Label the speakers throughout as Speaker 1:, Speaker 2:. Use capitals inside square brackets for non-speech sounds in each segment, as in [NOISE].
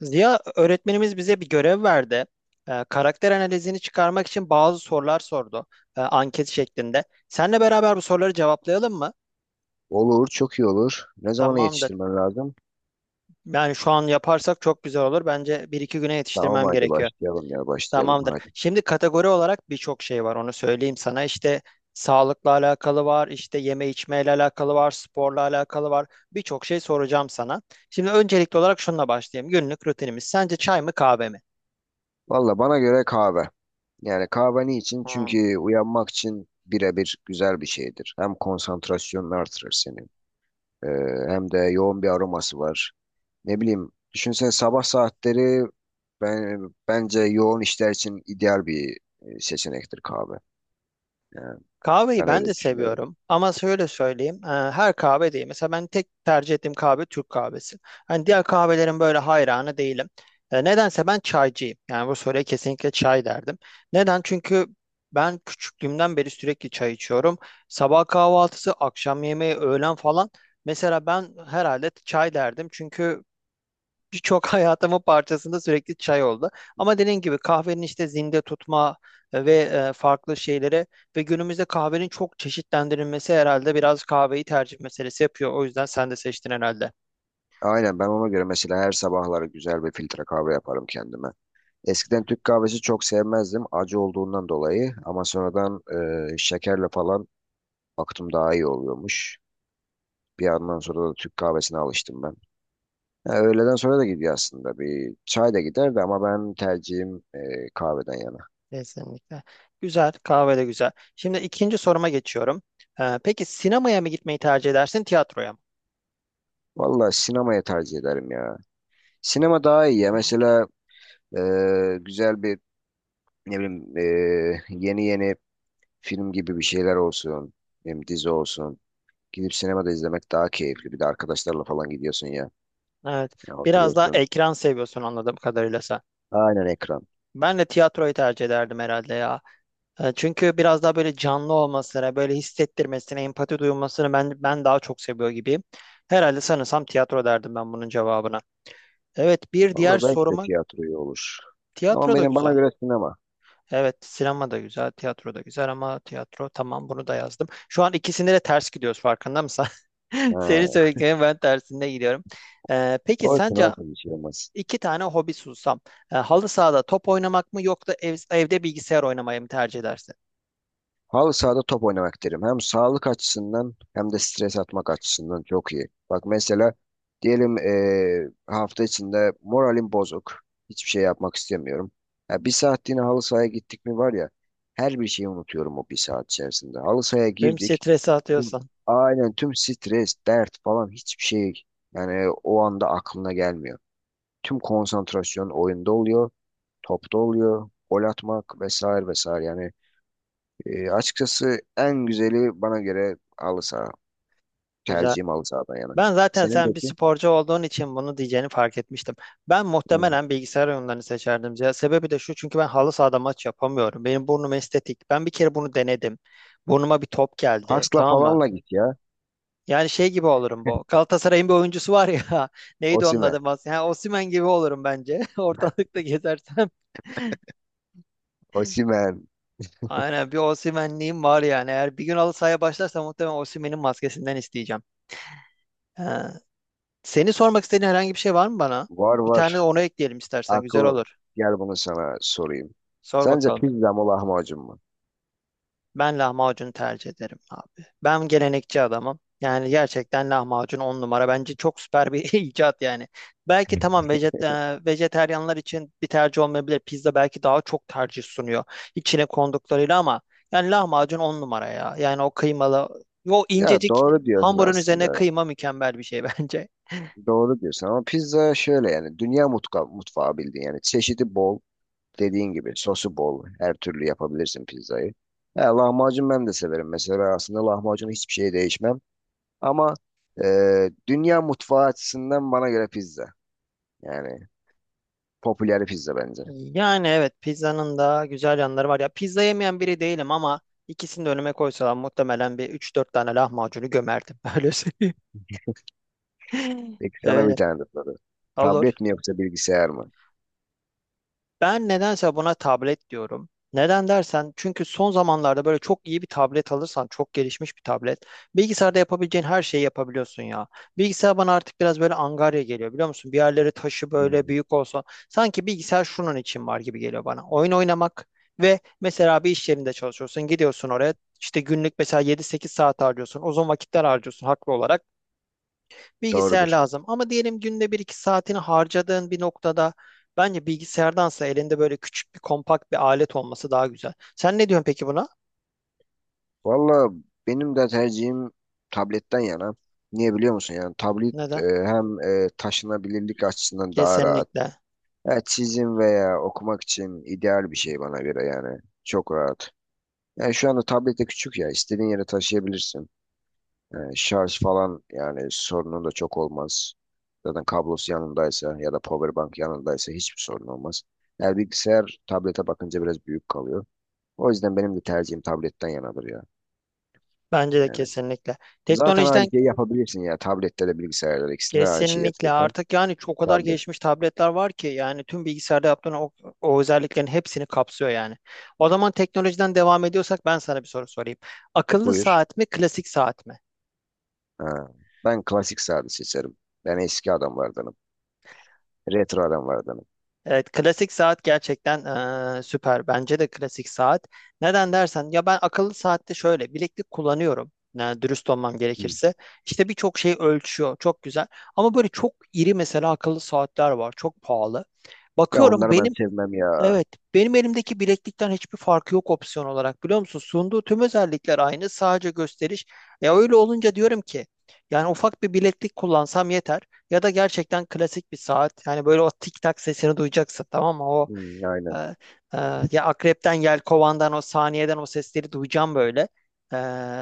Speaker 1: Ziya öğretmenimiz bize bir görev verdi. Karakter analizini çıkarmak için bazı sorular sordu. Anket şeklinde. Seninle beraber bu soruları cevaplayalım mı?
Speaker 2: Olur, çok iyi olur. Ne zamana
Speaker 1: Tamamdır.
Speaker 2: yetiştirmen lazım?
Speaker 1: Yani şu an yaparsak çok güzel olur. Bence bir iki güne
Speaker 2: Tamam,
Speaker 1: yetiştirmem
Speaker 2: hadi
Speaker 1: gerekiyor.
Speaker 2: başlayalım ya başlayalım
Speaker 1: Tamamdır.
Speaker 2: hadi.
Speaker 1: Şimdi kategori olarak birçok şey var. Onu söyleyeyim sana. İşte sağlıkla alakalı var, işte yeme içmeyle alakalı var, sporla alakalı var. Birçok şey soracağım sana. Şimdi öncelikli olarak şununla başlayayım. Günlük rutinimiz. Sence çay mı kahve mi?
Speaker 2: Valla bana göre kahve. Yani kahve niçin?
Speaker 1: Hmm.
Speaker 2: Çünkü uyanmak için birebir güzel bir şeydir. Hem konsantrasyonunu artırır senin. Ee, Hem de yoğun bir aroması var. Ne bileyim, düşünsene sabah saatleri bence yoğun işler için ideal bir seçenektir kahve. Yani
Speaker 1: Kahveyi
Speaker 2: ben
Speaker 1: ben de
Speaker 2: öyle düşünüyorum.
Speaker 1: seviyorum ama şöyle söyleyeyim her kahve değil. Mesela ben tek tercih ettiğim kahve Türk kahvesi. Hani diğer kahvelerin böyle hayranı değilim. Nedense ben çaycıyım. Yani bu soruya kesinlikle çay derdim. Neden? Çünkü ben küçüklüğümden beri sürekli çay içiyorum. Sabah kahvaltısı, akşam yemeği, öğlen falan. Mesela ben herhalde çay derdim. Çünkü birçok [LAUGHS] hayatımın parçasında sürekli çay oldu. Ama dediğim gibi kahvenin işte zinde tutma ve farklı şeylere ve günümüzde kahvenin çok çeşitlendirilmesi herhalde biraz kahveyi tercih meselesi yapıyor. O yüzden sen de seçtin herhalde.
Speaker 2: Aynen ben ona göre mesela her sabahları güzel bir filtre kahve yaparım kendime. Eskiden Türk kahvesi çok sevmezdim acı olduğundan dolayı ama sonradan şekerle falan baktım daha iyi oluyormuş. Bir yandan sonra da Türk kahvesine alıştım ben. Ha, öğleden sonra da gidiyor aslında bir çay da giderdi ama ben tercihim kahveden yana.
Speaker 1: Kesinlikle. Güzel, kahve de güzel. Şimdi ikinci soruma geçiyorum. Peki sinemaya mı gitmeyi tercih edersin, tiyatroya mı?
Speaker 2: Valla sinemaya tercih ederim ya. Sinema daha iyi ya mesela güzel bir ne bileyim yeni yeni film gibi bir şeyler olsun, ne bileyim dizi olsun. Gidip sinemada izlemek daha keyifli. Bir de arkadaşlarla falan gidiyorsun ya.
Speaker 1: Evet,
Speaker 2: Ya
Speaker 1: biraz daha
Speaker 2: oturuyorsun.
Speaker 1: ekran seviyorsun anladığım kadarıyla sen.
Speaker 2: Aynen ekran.
Speaker 1: Ben de tiyatroyu tercih ederdim herhalde ya. Çünkü biraz daha böyle canlı olmasına, böyle hissettirmesine, empati duyulmasını ben daha çok seviyor gibiyim. Herhalde sanırsam tiyatro derdim ben bunun cevabına. Evet, bir
Speaker 2: Valla
Speaker 1: diğer
Speaker 2: belki de
Speaker 1: soruma
Speaker 2: tiyatroya olur. Ama
Speaker 1: tiyatro da
Speaker 2: benim
Speaker 1: güzel.
Speaker 2: bana göre sinema.
Speaker 1: Evet, sinema da güzel, tiyatro da güzel ama tiyatro tamam bunu da yazdım. Şu an ikisinde de ters gidiyoruz farkında mısın? [LAUGHS] Senin
Speaker 2: He.
Speaker 1: söylediklerin ben tersinde gidiyorum. Peki
Speaker 2: Olsun
Speaker 1: sence
Speaker 2: olsun bir şey olmaz.
Speaker 1: İki tane hobi sunsam, halı sahada top oynamak mı yoksa evde bilgisayar oynamayı mı tercih edersin?
Speaker 2: Halı sahada top oynamak derim. Hem sağlık açısından hem de stres atmak açısından çok iyi. Bak mesela diyelim hafta içinde moralim bozuk. Hiçbir şey yapmak istemiyorum. Ya bir saatliğine halı sahaya gittik mi var ya her bir şeyi unutuyorum o bir saat içerisinde. Halı sahaya
Speaker 1: Tüm
Speaker 2: girdik.
Speaker 1: stresi
Speaker 2: Tüm,
Speaker 1: atıyorsan.
Speaker 2: aynen tüm stres, dert falan hiçbir şey, yani o anda aklına gelmiyor. Tüm konsantrasyon oyunda oluyor, topta oluyor, gol atmak vesaire vesaire. Yani açıkçası en güzeli bana göre halı saha.
Speaker 1: Güzel.
Speaker 2: Tercihim halı sahadan yana.
Speaker 1: Ben zaten
Speaker 2: Senin
Speaker 1: sen bir
Speaker 2: peki?
Speaker 1: sporcu olduğun için bunu diyeceğini fark etmiştim. Ben
Speaker 2: Hmm.
Speaker 1: muhtemelen bilgisayar oyunlarını seçerdim. Ya sebebi de şu çünkü ben halı sahada maç yapamıyorum. Benim burnum estetik. Ben bir kere bunu denedim. Burnuma bir top geldi.
Speaker 2: Kaskla
Speaker 1: Tamam mı?
Speaker 2: falanla git ya.
Speaker 1: Yani şey gibi olurum bu. Galatasaray'ın bir oyuncusu var ya. [LAUGHS] Neydi onun
Speaker 2: Osimhen.
Speaker 1: adı? Ha, Osimhen gibi olurum bence. [LAUGHS] Ortalıkta gezersem. [LAUGHS]
Speaker 2: Osimhen.
Speaker 1: Aynen bir Osimhen'liğim var yani. Eğer bir gün halı sahaya başlarsa muhtemelen Osimhen'in maskesinden isteyeceğim. Seni sormak istediğin herhangi bir şey var mı bana?
Speaker 2: Var
Speaker 1: Bir tane de
Speaker 2: var.
Speaker 1: onu ekleyelim istersen güzel
Speaker 2: Aklım,
Speaker 1: olur.
Speaker 2: gel bunu sana sorayım.
Speaker 1: Sor
Speaker 2: Sence
Speaker 1: bakalım.
Speaker 2: pizza mı lahmacun mu?
Speaker 1: Ben lahmacunu tercih ederim abi. Ben gelenekçi adamım. Yani gerçekten lahmacun on numara. Bence çok süper bir [LAUGHS] icat yani. Belki tamam vejeteryanlar için bir tercih olmayabilir. Pizza belki daha çok tercih sunuyor. İçine konduklarıyla ama yani lahmacun on numara ya. Yani o kıymalı, o
Speaker 2: Ya
Speaker 1: incecik
Speaker 2: doğru diyorsun
Speaker 1: hamurun üzerine
Speaker 2: aslında.
Speaker 1: kıyma mükemmel bir şey [LAUGHS] bence.
Speaker 2: Doğru diyorsun ama pizza şöyle, yani dünya mutfağı bildiğin, yani çeşidi bol. Dediğin gibi sosu bol. Her türlü yapabilirsin pizzayı. He, lahmacun ben de severim. Mesela ben aslında lahmacunu hiçbir şeye değişmem. Ama dünya mutfağı açısından bana göre pizza. Yani popüler pizza bence.
Speaker 1: Yani evet pizzanın da güzel yanları var. Ya pizza yemeyen biri değilim ama ikisini de önüme koysalar muhtemelen bir üç dört tane lahmacunu gömerdim. [LAUGHS] Öyle söyleyeyim.
Speaker 2: Peki sana bir
Speaker 1: Öyle.
Speaker 2: tane de soru.
Speaker 1: Olur.
Speaker 2: Tablet mi yoksa bilgisayar mı?
Speaker 1: Ben nedense buna tablet diyorum. Neden dersen çünkü son zamanlarda böyle çok iyi bir tablet alırsan çok gelişmiş bir tablet. Bilgisayarda yapabileceğin her şeyi yapabiliyorsun ya. Bilgisayar bana artık biraz böyle angarya geliyor biliyor musun? Bir yerleri taşı böyle
Speaker 2: Hmm,
Speaker 1: büyük olsa sanki bilgisayar şunun için var gibi geliyor bana. Oyun oynamak ve mesela bir iş yerinde çalışıyorsun gidiyorsun oraya işte günlük mesela 7-8 saat harcıyorsun uzun vakitler harcıyorsun haklı olarak. Bilgisayar
Speaker 2: doğrudur.
Speaker 1: lazım. Ama diyelim günde bir iki saatini harcadığın bir noktada bence bilgisayardansa elinde böyle küçük bir kompakt bir alet olması daha güzel. Sen ne diyorsun peki buna?
Speaker 2: Valla benim de tercihim tabletten yana. Niye biliyor musun? Yani tablet
Speaker 1: Neden?
Speaker 2: hem taşınabilirlik açısından daha rahat.
Speaker 1: Kesinlikle.
Speaker 2: Ya çizim veya okumak için ideal bir şey bana göre yani. Çok rahat. Yani şu anda tablet de küçük ya. İstediğin yere taşıyabilirsin. Yani şarj falan, yani sorunun da çok olmaz. Zaten kablosu yanındaysa ya da powerbank yanındaysa hiçbir sorun olmaz. Yani bilgisayar tablete bakınca biraz büyük kalıyor. O yüzden benim de tercihim tabletten yanadır ya.
Speaker 1: Bence de
Speaker 2: Yani
Speaker 1: kesinlikle.
Speaker 2: zaten
Speaker 1: Teknolojiden
Speaker 2: aynı şeyi yapabilirsin ya. Tablette de bilgisayarda da ikisinde de aynı şeyi
Speaker 1: kesinlikle
Speaker 2: yapıyorsan.
Speaker 1: artık yani çok o kadar
Speaker 2: Tablet.
Speaker 1: gelişmiş tabletler var ki yani tüm bilgisayarda yaptığın o, o özelliklerin hepsini kapsıyor yani. O zaman teknolojiden devam ediyorsak ben sana bir soru sorayım. Akıllı
Speaker 2: Buyur.
Speaker 1: saat mi, klasik saat mi?
Speaker 2: Ha. Ben klasik sade seçerim. Ben eski adamlardanım. Retro adam var adamın.
Speaker 1: Evet, klasik saat gerçekten süper. Bence de klasik saat. Neden dersen ya ben akıllı saatte şöyle bileklik kullanıyorum. Yani dürüst olmam
Speaker 2: Hı.
Speaker 1: gerekirse. İşte birçok şey ölçüyor. Çok güzel. Ama böyle çok iri mesela akıllı saatler var. Çok pahalı.
Speaker 2: Ya
Speaker 1: Bakıyorum
Speaker 2: onları ben
Speaker 1: benim.
Speaker 2: sevmem ya.
Speaker 1: Evet, benim elimdeki bileklikten hiçbir farkı yok opsiyon olarak biliyor musun? Sunduğu tüm özellikler aynı, sadece gösteriş. Ya öyle olunca diyorum ki, yani ufak bir bileklik kullansam yeter ya da gerçekten klasik bir saat. Yani böyle o tik tak sesini duyacaksın tamam mı? O
Speaker 2: Hı, aynen.
Speaker 1: ee, e, ya akrepten, yelkovandan o saniyeden o sesleri duyacağım böyle. Ee,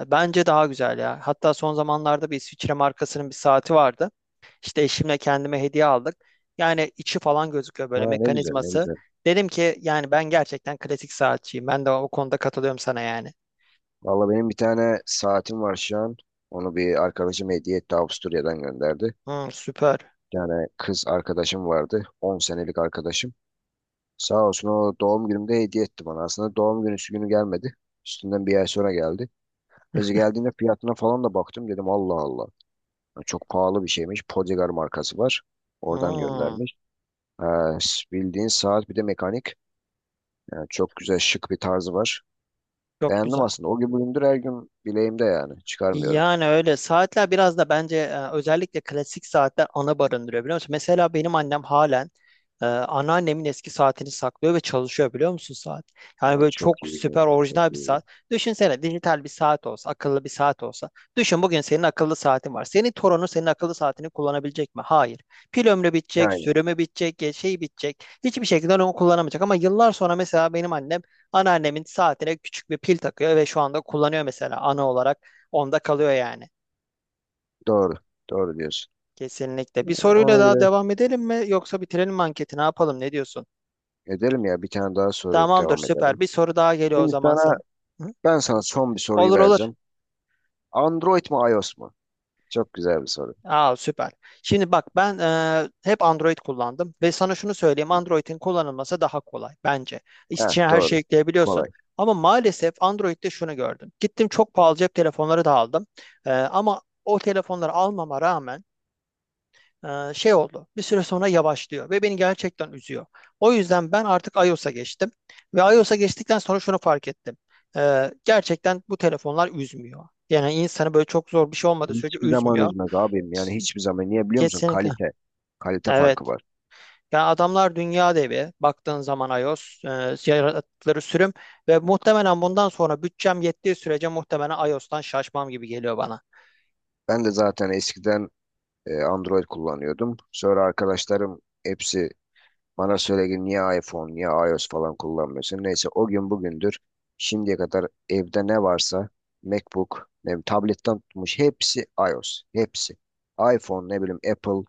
Speaker 1: bence daha güzel ya. Hatta son zamanlarda bir İsviçre markasının bir saati vardı. İşte eşimle kendime hediye aldık. Yani içi falan gözüküyor böyle
Speaker 2: Ha, ne güzel ne
Speaker 1: mekanizması.
Speaker 2: güzel.
Speaker 1: Dedim ki yani ben gerçekten klasik saatçiyim. Ben de o konuda katılıyorum sana yani.
Speaker 2: Valla benim bir tane saatim var şu an. Onu bir arkadaşım hediye etti, Avusturya'dan gönderdi.
Speaker 1: Hmm, süper.
Speaker 2: Yani kız arkadaşım vardı. 10 senelik arkadaşım. Sağ olsun o doğum günümde hediye etti bana. Aslında doğum günü gelmedi. Üstünden bir ay sonra geldi. Neyse geldiğinde fiyatına falan da baktım. Dedim Allah Allah. Ya çok pahalı bir şeymiş. Podigar markası var. Oradan
Speaker 1: Hmm,
Speaker 2: göndermiş. Ha, bildiğin saat bir de mekanik. Yani çok güzel şık bir tarzı var.
Speaker 1: çok
Speaker 2: Beğendim
Speaker 1: güzel.
Speaker 2: aslında. O gün bugündür her gün bileğimde yani. Çıkarmıyorum.
Speaker 1: Yani öyle saatler biraz da bence özellikle klasik saatler ana barındırıyor biliyor musun? Mesela benim annem halen anneannemin eski saatini saklıyor ve çalışıyor biliyor musun saat? Yani
Speaker 2: O
Speaker 1: böyle
Speaker 2: çok
Speaker 1: çok süper
Speaker 2: iyi. Çok
Speaker 1: orijinal bir
Speaker 2: iyi.
Speaker 1: saat. Düşünsene dijital bir saat olsa, akıllı bir saat olsa. Düşün bugün senin akıllı saatin var. Senin torunun senin akıllı saatini kullanabilecek mi? Hayır. Pil ömrü bitecek,
Speaker 2: Yani
Speaker 1: sürümü bitecek, ya şey bitecek. Hiçbir şekilde onu kullanamayacak. Ama yıllar sonra mesela benim annem anneannemin saatine küçük bir pil takıyor ve şu anda kullanıyor mesela ana olarak. Onda kalıyor yani.
Speaker 2: doğru. Doğru diyorsun.
Speaker 1: Kesinlikle. Bir
Speaker 2: Ya
Speaker 1: soruyla
Speaker 2: ona
Speaker 1: daha
Speaker 2: göre
Speaker 1: devam edelim mi yoksa bitirelim mi anketi ne yapalım ne diyorsun?
Speaker 2: edelim ya. Bir tane daha soru
Speaker 1: Tamamdır
Speaker 2: devam
Speaker 1: süper.
Speaker 2: edelim.
Speaker 1: Bir soru daha geliyor o
Speaker 2: Şimdi
Speaker 1: zaman sen. Hı?
Speaker 2: ben sana son bir soruyu
Speaker 1: Olur olur.
Speaker 2: vereceğim. Android mi iOS mu? Çok güzel bir soru.
Speaker 1: Aa süper. Şimdi bak ben hep Android kullandım ve sana şunu söyleyeyim Android'in kullanılması daha kolay bence.
Speaker 2: Heh,
Speaker 1: İçine her şeyi
Speaker 2: doğru.
Speaker 1: yükleyebiliyorsun.
Speaker 2: Kolay.
Speaker 1: Ama maalesef Android'de şunu gördüm. Gittim çok pahalı cep telefonları da aldım. Ama o telefonları almama rağmen şey oldu. Bir süre sonra yavaşlıyor ve beni gerçekten üzüyor. O yüzden ben artık iOS'a geçtim ve iOS'a geçtikten sonra şunu fark ettim. Gerçekten bu telefonlar üzmüyor. Yani insanı böyle çok zor bir şey olmadığı sürece
Speaker 2: Hiçbir zaman
Speaker 1: üzmüyor.
Speaker 2: üzmez abim. Yani hiçbir zaman. Niye biliyor musun?
Speaker 1: Kesinlikle.
Speaker 2: Kalite. Kalite
Speaker 1: Evet.
Speaker 2: farkı var.
Speaker 1: Yani adamlar dünya devi. Baktığın zaman iOS yarattıkları sürüm ve muhtemelen bundan sonra bütçem yettiği sürece muhtemelen iOS'tan şaşmam gibi geliyor bana.
Speaker 2: Ben de zaten eskiden Android kullanıyordum. Sonra arkadaşlarım hepsi bana söyle ki niye iPhone, niye iOS falan kullanmıyorsun? Neyse o gün bugündür şimdiye kadar evde ne varsa MacBook, ne bileyim, tabletten tutmuş hepsi iOS. Hepsi. iPhone, ne bileyim Apple,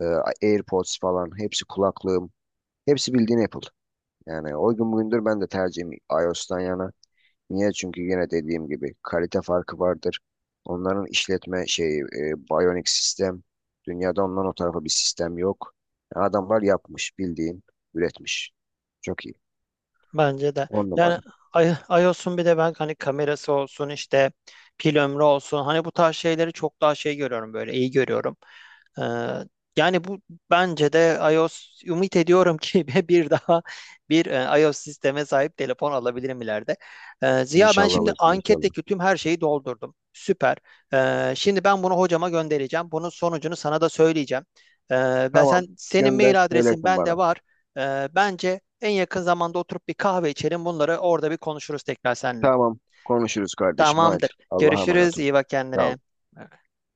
Speaker 2: e, AirPods falan hepsi kulaklığım. Hepsi bildiğin Apple. Yani o gün bugündür ben de tercihim iOS'tan yana. Niye? Çünkü yine dediğim gibi kalite farkı vardır. Onların işletme şeyi, Bionic sistem. Dünyada ondan o tarafa bir sistem yok. Yani adamlar yapmış, bildiğin üretmiş. Çok iyi.
Speaker 1: Bence de.
Speaker 2: On
Speaker 1: Yani
Speaker 2: numara.
Speaker 1: I- iOS'un bir de ben hani kamerası olsun işte pil ömrü olsun hani bu tarz şeyleri çok daha şey görüyorum böyle iyi görüyorum. Ee, yani bu bence de iOS ümit ediyorum ki [LAUGHS] bir daha bir iOS sisteme sahip telefon alabilirim ileride. Ziya ben
Speaker 2: İnşallah
Speaker 1: şimdi
Speaker 2: alırsın, inşallah.
Speaker 1: anketteki tüm her şeyi doldurdum. Süper. Şimdi ben bunu hocama göndereceğim. Bunun sonucunu sana da söyleyeceğim. Ee, ben
Speaker 2: Tamam,
Speaker 1: senin
Speaker 2: gönder,
Speaker 1: mail adresin
Speaker 2: söylersin
Speaker 1: bende
Speaker 2: bana.
Speaker 1: var. Bence en yakın zamanda oturup bir kahve içelim. Bunları orada bir konuşuruz tekrar seninle.
Speaker 2: Tamam, konuşuruz kardeşim. Haydi,
Speaker 1: Tamamdır.
Speaker 2: Allah'a
Speaker 1: Görüşürüz.
Speaker 2: emanet ol.
Speaker 1: İyi bak
Speaker 2: Sağ
Speaker 1: kendine.
Speaker 2: ol.